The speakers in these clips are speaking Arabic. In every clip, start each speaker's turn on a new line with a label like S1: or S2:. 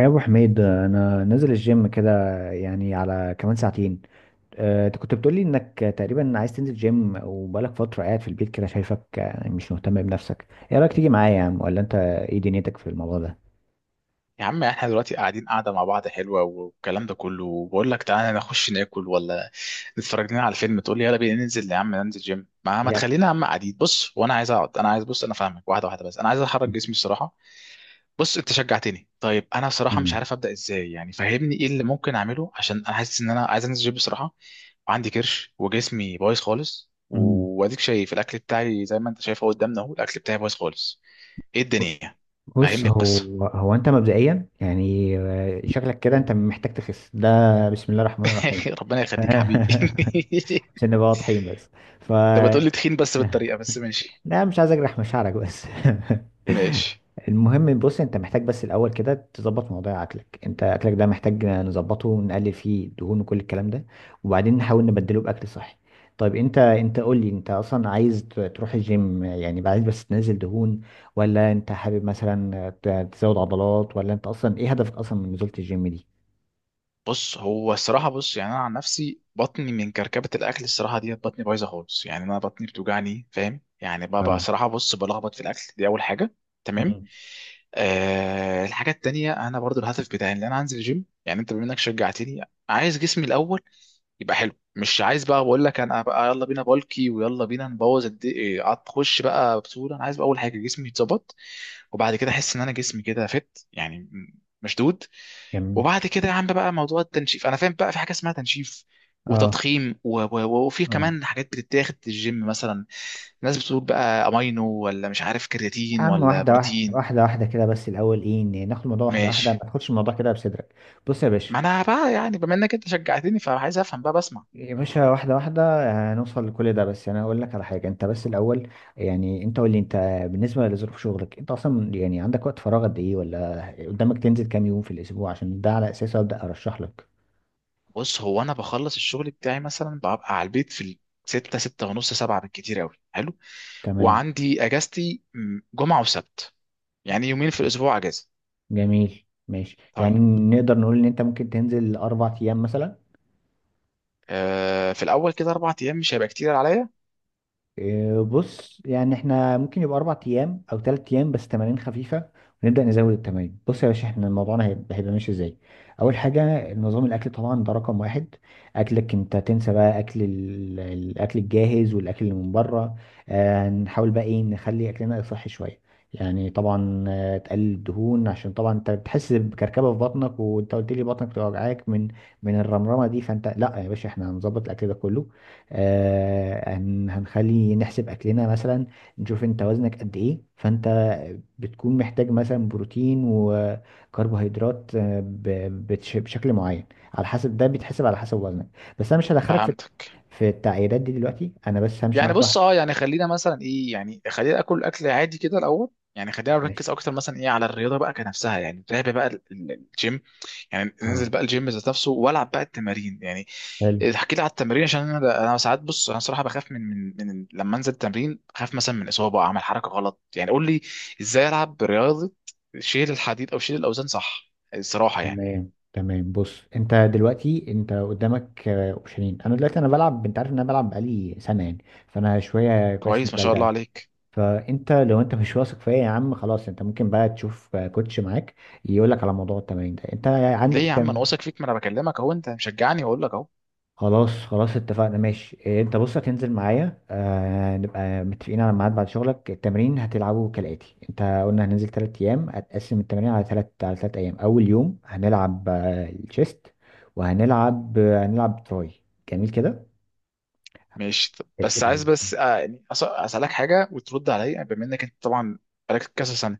S1: يا ابو حميد انا نازل الجيم كده، يعني على كمان ساعتين. انت كنت بتقولي انك تقريبا عايز تنزل جيم وبقالك فتره قاعد في البيت كده، شايفك مش مهتم بنفسك. ايه رايك تيجي معايا يا عم، ولا انت ايه دنيتك في الموضوع ده؟
S2: يا عم احنا دلوقتي قاعدين مع بعض حلوه والكلام ده كله، وبقول لك تعالى نخش ناكل ولا نتفرج لنا على فيلم، تقول لي يلا بينا ننزل يا عم ننزل جيم. ما
S1: يا
S2: تخلينا يا عم قاعدين. بص، وانا عايز اقعد، انا عايز بص، انا فاهمك واحده واحده، بس انا عايز احرك جسمي الصراحه. بص انت شجعتني. طيب انا صراحه مش
S1: مم.
S2: عارف ابدا ازاي، يعني فهمني ايه اللي ممكن اعمله، عشان انا حاسس ان انا عايز انزل جيم بصراحه. وعندي كرش وجسمي بايظ خالص،
S1: مم.
S2: واديك شايف الاكل بتاعي زي ما انت شايفه قدامنا اهو، الاكل بتاعي بايظ خالص. ايه الدنيا؟
S1: بص،
S2: فهمني القصه.
S1: هو انت مبدئيا يعني، شكلك كده انت محتاج تخس ده. بسم الله الرحمن الرحيم.
S2: ربنا يخليك حبيبي.
S1: عشان نبقى واضحين بس. ف
S2: انت بتقول لي تخين بس بالطريقه، بس ماشي.
S1: لا، مش عايز اجرح مشاعرك بس.
S2: ماشي.
S1: المهم، بص انت محتاج بس الاول كده تظبط موضوع اكلك. انت اكلك ده محتاج نظبطه، نقلل فيه الدهون وكل الكلام ده. وبعدين نحاول نبدله باكل صحي. طيب، انت قول لي، انت اصلا عايز تروح الجيم يعني عايز بس تنزل دهون، ولا انت حابب مثلا تزود عضلات، ولا انت اصلا ايه هدفك اصلا من نزولة الجيم دي؟
S2: بص هو الصراحه، بص يعني انا عن نفسي بطني من كركبه الاكل الصراحه ديت، بطني بايظه خالص. يعني انا بطني بتوجعني، فاهم يعني؟ بقى
S1: اه.
S2: صراحه، بص، بلخبط في الاكل دي اول حاجه. تمام.
S1: مم.
S2: الحاجه التانيه، انا برضو الهدف بتاعي ان انا انزل الجيم، يعني انت بما انك شجعتني. عايز جسمي الاول يبقى حلو، مش عايز بقى بقول لك انا بقى يلا بينا بالكي، ويلا بينا نبوظ خش بقى بطوله. انا عايز بقى اول حاجه جسمي يتظبط، وبعد كده احس ان انا جسمي كده فت يعني، مشدود.
S1: جميل.
S2: وبعد كده يا عم بقى موضوع التنشيف، انا فاهم بقى في حاجه اسمها تنشيف
S1: اه.
S2: وتضخيم وفي
S1: اه.
S2: كمان حاجات بتتاخد في الجيم مثلا. الناس بتقول بقى امينو، ولا مش عارف
S1: يا
S2: كرياتين،
S1: عم
S2: ولا
S1: واحدة واحدة،
S2: بروتين.
S1: واحدة واحدة كده بس الأول، إيه إن ناخد الموضوع واحدة واحدة، ما
S2: ماشي.
S1: تاخدش الموضوع كده بصدرك. بص يا باشا.
S2: ما انا بقى يعني بما انك انت شجعتني، فعايز افهم بقى، بسمع.
S1: يا باشا، واحدة واحدة. هنوصل لكل ده، بس أنا هقول لك على حاجة أنت بس الأول. يعني أنت قول لي أنت، بالنسبة لظروف شغلك أنت أصلا، يعني عندك وقت فراغ قد إيه؟ ولا قدامك تنزل كام يوم في الأسبوع؟ عشان ده على أساسه أبدأ أرشح لك.
S2: بص هو انا بخلص الشغل بتاعي مثلا، ببقى على البيت في الستة، ستة ونص، سبعة بالكتير قوي. حلو.
S1: تمام.
S2: وعندي اجازتي جمعة وسبت، يعني يومين في الاسبوع اجازة.
S1: جميل. ماشي، يعني
S2: طيب.
S1: نقدر نقول إن أنت ممكن تنزل أربع أيام مثلا.
S2: آه في الاول كده اربع ايام مش هيبقى كتير عليا.
S1: بص يعني احنا ممكن يبقى اربع ايام او ثلاث ايام بس تمارين خفيفه، ونبدا نزود التمارين. بص يا باشا، احنا موضوعنا هيبقى ماشي ازاي. اول حاجه، نظام الاكل، طبعا ده رقم واحد. اكلك، انت تنسى بقى اكل الاكل الجاهز والاكل اللي من بره. نحاول بقى ايه، نخلي اكلنا صحي شويه. يعني طبعا، تقلل الدهون عشان طبعا انت بتحس بكركبه في بطنك، وانت قلت لي بطنك بتوجعك من الرمرمه دي. فانت لا يا باشا، احنا هنظبط الاكل ده كله. هنخلي نحسب اكلنا مثلا، نشوف انت وزنك قد ايه. فانت بتكون محتاج مثلا بروتين وكربوهيدرات بشكل معين، على حسب. ده بيتحسب على حسب وزنك. بس انا مش هدخلك في
S2: فهمتك.
S1: التعييرات دي دلوقتي، انا بس همشي
S2: يعني
S1: معاك
S2: بص،
S1: واحد.
S2: اه يعني خلينا مثلا ايه، يعني خلينا اكل اكل عادي كده الاول. يعني خلينا نركز
S1: ماشي.
S2: اكتر مثلا ايه على الرياضه بقى كنفسها، يعني نتابع بقى الجيم. يعني
S1: اه.
S2: ننزل بقى الجيم ذات نفسه، والعب بقى التمارين يعني.
S1: حلو.
S2: احكي لي على التمارين، عشان انا ساعات، بص انا صراحه بخاف من لما انزل التمرين، بخاف مثلا من اصابه، اعمل حركه غلط. يعني قول لي ازاي العب رياضه، شيل الحديد او شيل الاوزان صح الصراحه يعني.
S1: تمام تمام. بص انت دلوقتي انت قدامك، اوبشنين. انا دلوقتي انا بلعب، انت عارف ان انا بلعب بقالي سنه، يعني فانا شويه كويس في
S2: كويس ما
S1: المجال
S2: شاء الله
S1: ده.
S2: عليك.
S1: فانت لو انت مش واثق فيا يا عم، خلاص انت ممكن بقى تشوف كوتش معاك يقول لك على موضوع التمارين ده. انت
S2: ليه
S1: عندك
S2: يا عم، انا واثق فيك، ما انا بكلمك اهو، انت مشجعني واقول لك اهو.
S1: خلاص خلاص. اتفقنا. ماشي. انت بص هتنزل معايا، نبقى متفقين على ميعاد بعد شغلك. التمرين هتلعبه كالاتي، انت قلنا هننزل تلات ايام، هتقسم التمارين على تلات ايام. اول يوم هنلعب، الشيست، وهنلعب، آه، هنلعب تراي. جميل كده.
S2: ماشي. طب بس
S1: ال-
S2: عايز بس يعني اسالك حاجه وترد عليا، يعني بما انك انت طبعا بقالك كذا سنه.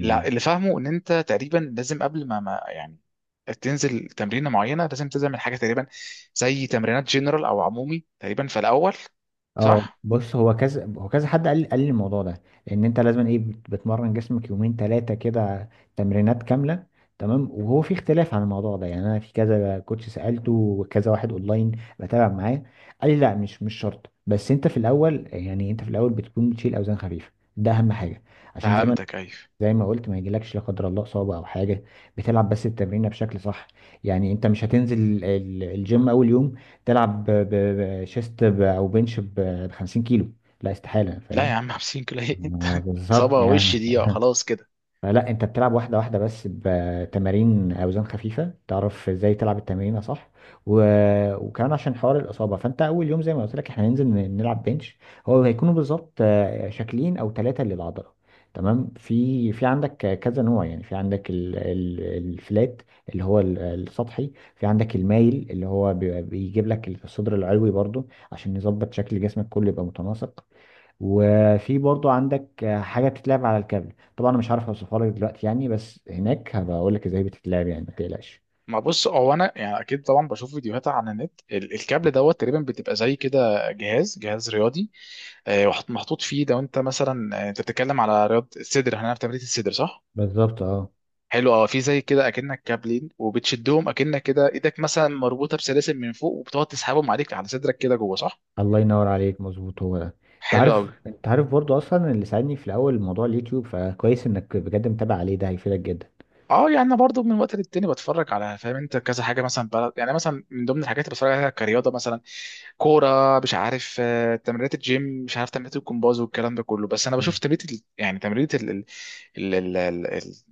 S2: لا، اللي فاهمه ان انت تقريبا لازم قبل ما يعني تنزل تمرينه معينه، لازم تعمل حاجه تقريبا زي تمرينات جنرال او عمومي تقريبا في الاول،
S1: اه،
S2: صح؟
S1: بص هو كذا، هو كذا حد قال لي الموضوع ده، لان انت لازم ايه، بتمرن جسمك يومين ثلاثه كده، تمرينات كامله. تمام. وهو في اختلاف عن الموضوع ده يعني؟ انا في كذا كوتش سالته، وكذا واحد اونلاين بتابع معاه، قال لي لا، مش شرط، بس انت في الاول، يعني انت في الاول بتكون بتشيل اوزان خفيفه. ده اهم حاجه، عشان
S2: فهمتك. ايوه.
S1: زي ما قلت، ما يجيلكش لا قدر الله اصابه او حاجه. بتلعب بس التمرين بشكل صح. يعني انت مش هتنزل الجيم اول يوم، تلعب بشيست او بنش ب 50 كيلو. لا استحاله،
S2: لا يا
S1: فاهم؟
S2: عم، 50 كيلو ايه انت؟
S1: بالظبط
S2: اصابه وش
S1: يعني.
S2: دي، خلاص كده.
S1: لا، انت بتلعب واحدة واحدة بس بتمارين اوزان خفيفة، تعرف ازاي تلعب التمرين صح. و... وكمان عشان حوار الاصابة، فانت اول يوم زي ما قلت لك احنا هننزل نلعب بنش. هو هيكونوا بالظبط، شكلين او ثلاثة للعضلة. تمام. في عندك كذا نوع، يعني في عندك الفلات، اللي هو السطحي، في عندك المايل اللي هو بيجيب لك الصدر العلوي برضو، عشان يظبط شكل جسمك كله يبقى متناسق. وفي برضو عندك، حاجة بتتلعب على الكابل. طبعا انا مش عارف اوصفها لك دلوقتي يعني، بس هناك هبقى اقول لك ازاي بتتلعب، يعني ما تقلقش.
S2: ما بص، هو انا يعني اكيد طبعا بشوف فيديوهات عن النت، الكابل دوت تقريبا بتبقى زي كده جهاز رياضي، محطوط فيه. لو انت مثلا، انت بتتكلم على رياضه الصدر، احنا في تمرين الصدر صح؟
S1: بالظبط اه.
S2: حلو، اه. في زي كده اكنك كابلين وبتشدهم، اكنك كده ايدك مثلا مربوطه بسلاسل من فوق، وبتقعد تسحبهم عليك على صدرك كده جوه، صح؟
S1: الله ينور عليك، مظبوط هو ده. انت
S2: حلو
S1: عارف
S2: قوي.
S1: انت عارف برضو اصلا، اللي ساعدني في الاول موضوع اليوتيوب، فكويس انك بجد متابع عليه، ده هيفيدك جدا.
S2: اه يعني انا برضو من وقت للتاني بتفرج على، فاهم انت، كذا حاجه مثلا بلد. يعني مثلا من ضمن الحاجات اللي بتفرج عليها كرياضه مثلا، كوره، مش عارف تمرينات الجيم، مش عارف تمرينات الجمباز، والكلام ده كله. بس انا
S1: مم.
S2: بشوف تمرينه يعني تمرينه ال- ال- ال-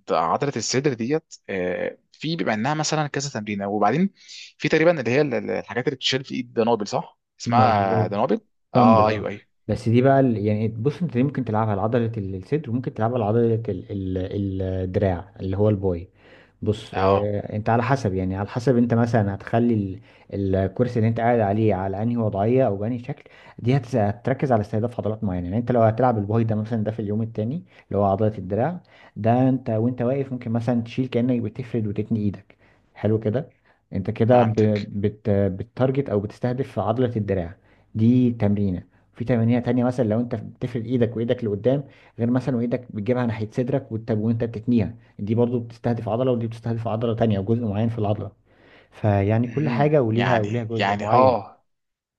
S2: عضله الصدر ديت، في بيبقى انها مثلا كذا تمرينه، وبعدين في تقريبا اللي هي الحاجات اللي بتشيل في الايد، دنابل، صح اسمها
S1: مظبوط.
S2: دنابل؟ اه
S1: دمبل اه.
S2: ايوه ايوه.
S1: بس دي بقى، يعني بص انت دي ممكن تلعبها على عضلة الصدر، وممكن تلعبها على عضلة الدراع اللي هو الباي. بص،
S2: اه
S1: انت على حسب، يعني على حسب انت مثلا هتخلي الكرسي اللي انت قاعد عليه على انهي وضعيه او بانهي شكل. دي هتركز على استهداف عضلات معينه. يعني انت لو هتلعب الباي ده مثلا، ده في اليوم التاني، اللي هو عضله الدراع، ده انت وانت واقف ممكن مثلا تشيل كانك بتفرد وتتني ايدك. حلو كده. انت كده ب-
S2: فهمتك.
S1: بت بتارجت او بتستهدف عضله الدراع، دي تمرينه. في تمارين تانية مثلا لو انت بتفرد ايدك وايدك لقدام، غير مثلا وايدك بتجيبها ناحيه صدرك وانت وانت بتتنيها. دي برضو بتستهدف عضلة، ودي بتستهدف عضلة تانية وجزء معين في العضلة. فيعني كل حاجة
S2: مهم.
S1: وليها
S2: يعني
S1: جزء
S2: يعني
S1: معين.
S2: اه،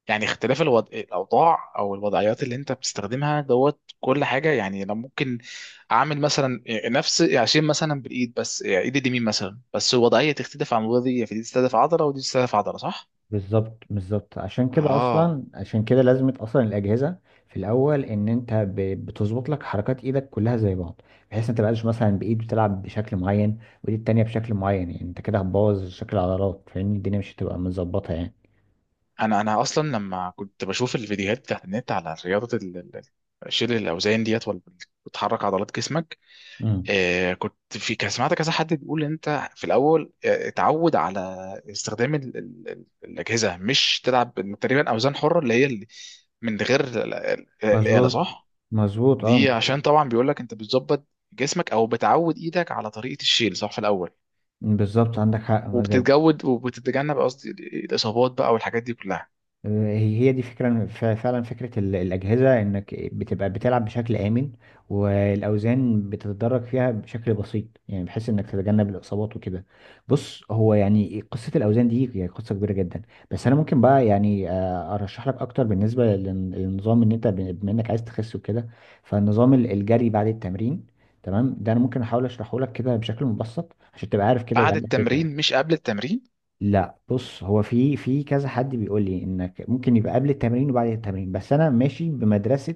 S2: يعني اختلاف الوضع الاوضاع او الوضعيات اللي انت بتستخدمها دوت كل حاجه. يعني انا ممكن اعمل مثلا نفس، عشان مثلا بالايد بس، يعني ايد اليمين مثلا بس، الوضعيه تختلف عن الوضعيه، فدي تستهدف عضله ودي تستهدف عضله، صح؟
S1: بالظبط، بالظبط. عشان كده
S2: اه،
S1: أصلا، عشان كده لازمة أصلا الأجهزة في الأول، إن أنت بتظبط لك حركات إيدك كلها زي بعض، بحيث أنت متبقاش مثلا بإيد بتلعب بشكل معين وإيد التانية بشكل معين، يعني أنت كده هتبوظ شكل العضلات، فاهمني؟ الدنيا مش هتبقى متظبطة يعني.
S2: انا اصلا لما كنت بشوف الفيديوهات بتاعت النت على رياضه شيل الاوزان ديت، ولا بتحرك عضلات جسمك،
S1: امم.
S2: كنت في كان سمعت كذا حد بيقول ان انت في الاول اتعود على استخدام ال الاجهزه، مش تلعب بال- تقريبا اوزان حره، اللي هي من غير الاله،
S1: مظبوط،
S2: صح؟
S1: مظبوط، اه،
S2: دي
S1: مظبوط.
S2: عشان طبعا بيقول لك انت بتظبط جسمك، او بتعود ايدك على طريقه الشيل صح في الاول،
S1: بالظبط، عندك حق.
S2: وبتتجود، وبتتجنب قصدي الاصابات بقى والحاجات دي كلها.
S1: هي، دي فكرة فعلا، فكرة الأجهزة إنك بتبقى بتلعب بشكل آمن، والأوزان بتتدرج فيها بشكل بسيط، يعني بحيث إنك تتجنب الإصابات وكده. بص هو يعني، قصة الأوزان دي هي قصة كبيرة جدا، بس أنا ممكن بقى يعني، أرشح لك أكتر بالنسبة للنظام. إن أنت بما إنك عايز تخس وكده، فالنظام، الجري بعد التمرين، تمام، ده أنا ممكن أحاول أشرحه لك كده بشكل مبسط عشان تبقى عارف كده، يبقى
S2: بعد
S1: عندك فكرة.
S2: التمرين مش قبل التمرين؟
S1: لا، بص هو في كذا حد بيقول لي انك ممكن يبقى قبل التمرين وبعد التمرين، بس انا ماشي بمدرسة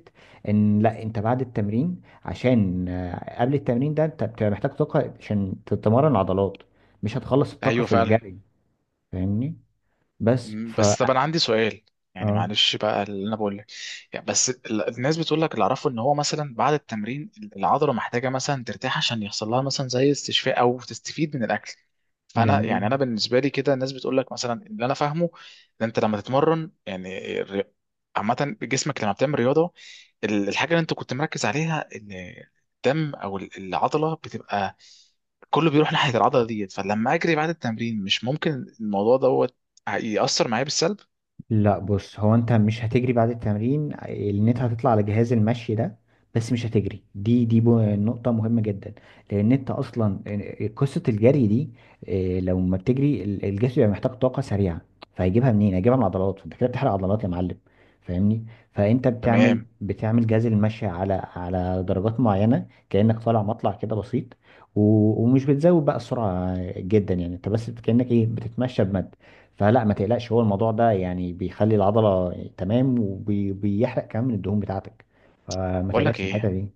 S1: ان لا، انت بعد التمرين، عشان قبل التمرين ده انت بتبقى محتاج طاقة عشان تتمرن عضلات، مش هتخلص الطاقة
S2: ايوه
S1: في
S2: فعلا.
S1: الجري، فاهمني؟ بس ف
S2: بس طب انا عندي سؤال، يعني
S1: اه.
S2: معلش بقى اللي انا بقول لك، يعني بس الناس بتقول لك، اللي اعرفه ان هو مثلا بعد التمرين العضله محتاجه مثلا ترتاح، عشان يحصل لها مثلا زي استشفاء او تستفيد من الاكل. فانا
S1: جميل.
S2: يعني انا بالنسبه لي كده، الناس بتقول لك مثلا اللي انا فاهمه ان انت لما تتمرن، يعني عامه جسمك لما بتعمل رياضه، الحاجه اللي انت كنت مركز عليها ان الدم او العضله بتبقى كله بيروح ناحيه العضله ديت، فلما اجري بعد التمرين مش ممكن الموضوع ده هيأثر معايا بالسلب؟
S1: لا، بص هو انت مش هتجري بعد التمرين، لان انت هتطلع على جهاز المشي ده، بس مش هتجري. دي نقطة مهمة جدا، لان انت اصلا، قصة الجري دي، اه، لو ما بتجري الجسم بيبقى محتاج طاقة سريعة، فهيجيبها منين؟ هيجيبها من العضلات، فانت كده بتحرق عضلات يا معلم، فاهمني؟ فانت بتعمل،
S2: تمام.
S1: جهاز المشي على درجات معينة كأنك طالع، مطلع كده بسيط، ومش بتزود بقى السرعة جدا، يعني انت بس كأنك ايه، بتتمشى بمد. فلا، ما تقلقش، هو الموضوع ده يعني بيخلي العضلة تمام، وبيحرق كمان من الدهون بتاعتك، فما
S2: بقول لك
S1: تقلقش من الحتة
S2: ايه،
S1: دي.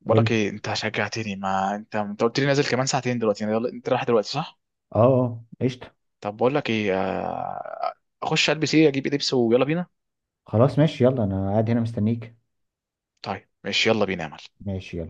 S2: بقول
S1: قول لي.
S2: لك ايه، انت شجعتني ما انت، انت قلت لي نازل كمان ساعتين دلوقتي، يعني يلا، انت رايح دلوقتي صح؟
S1: اه، اه، قشطة.
S2: طب بقول لك ايه، آه، اخش البس ايه، اجيب ايه لبس، ويلا بينا.
S1: خلاص ماشي، يلا انا قاعد هنا مستنيك.
S2: طيب ماشي، يلا بينا يا معلم.
S1: ماشي يلا.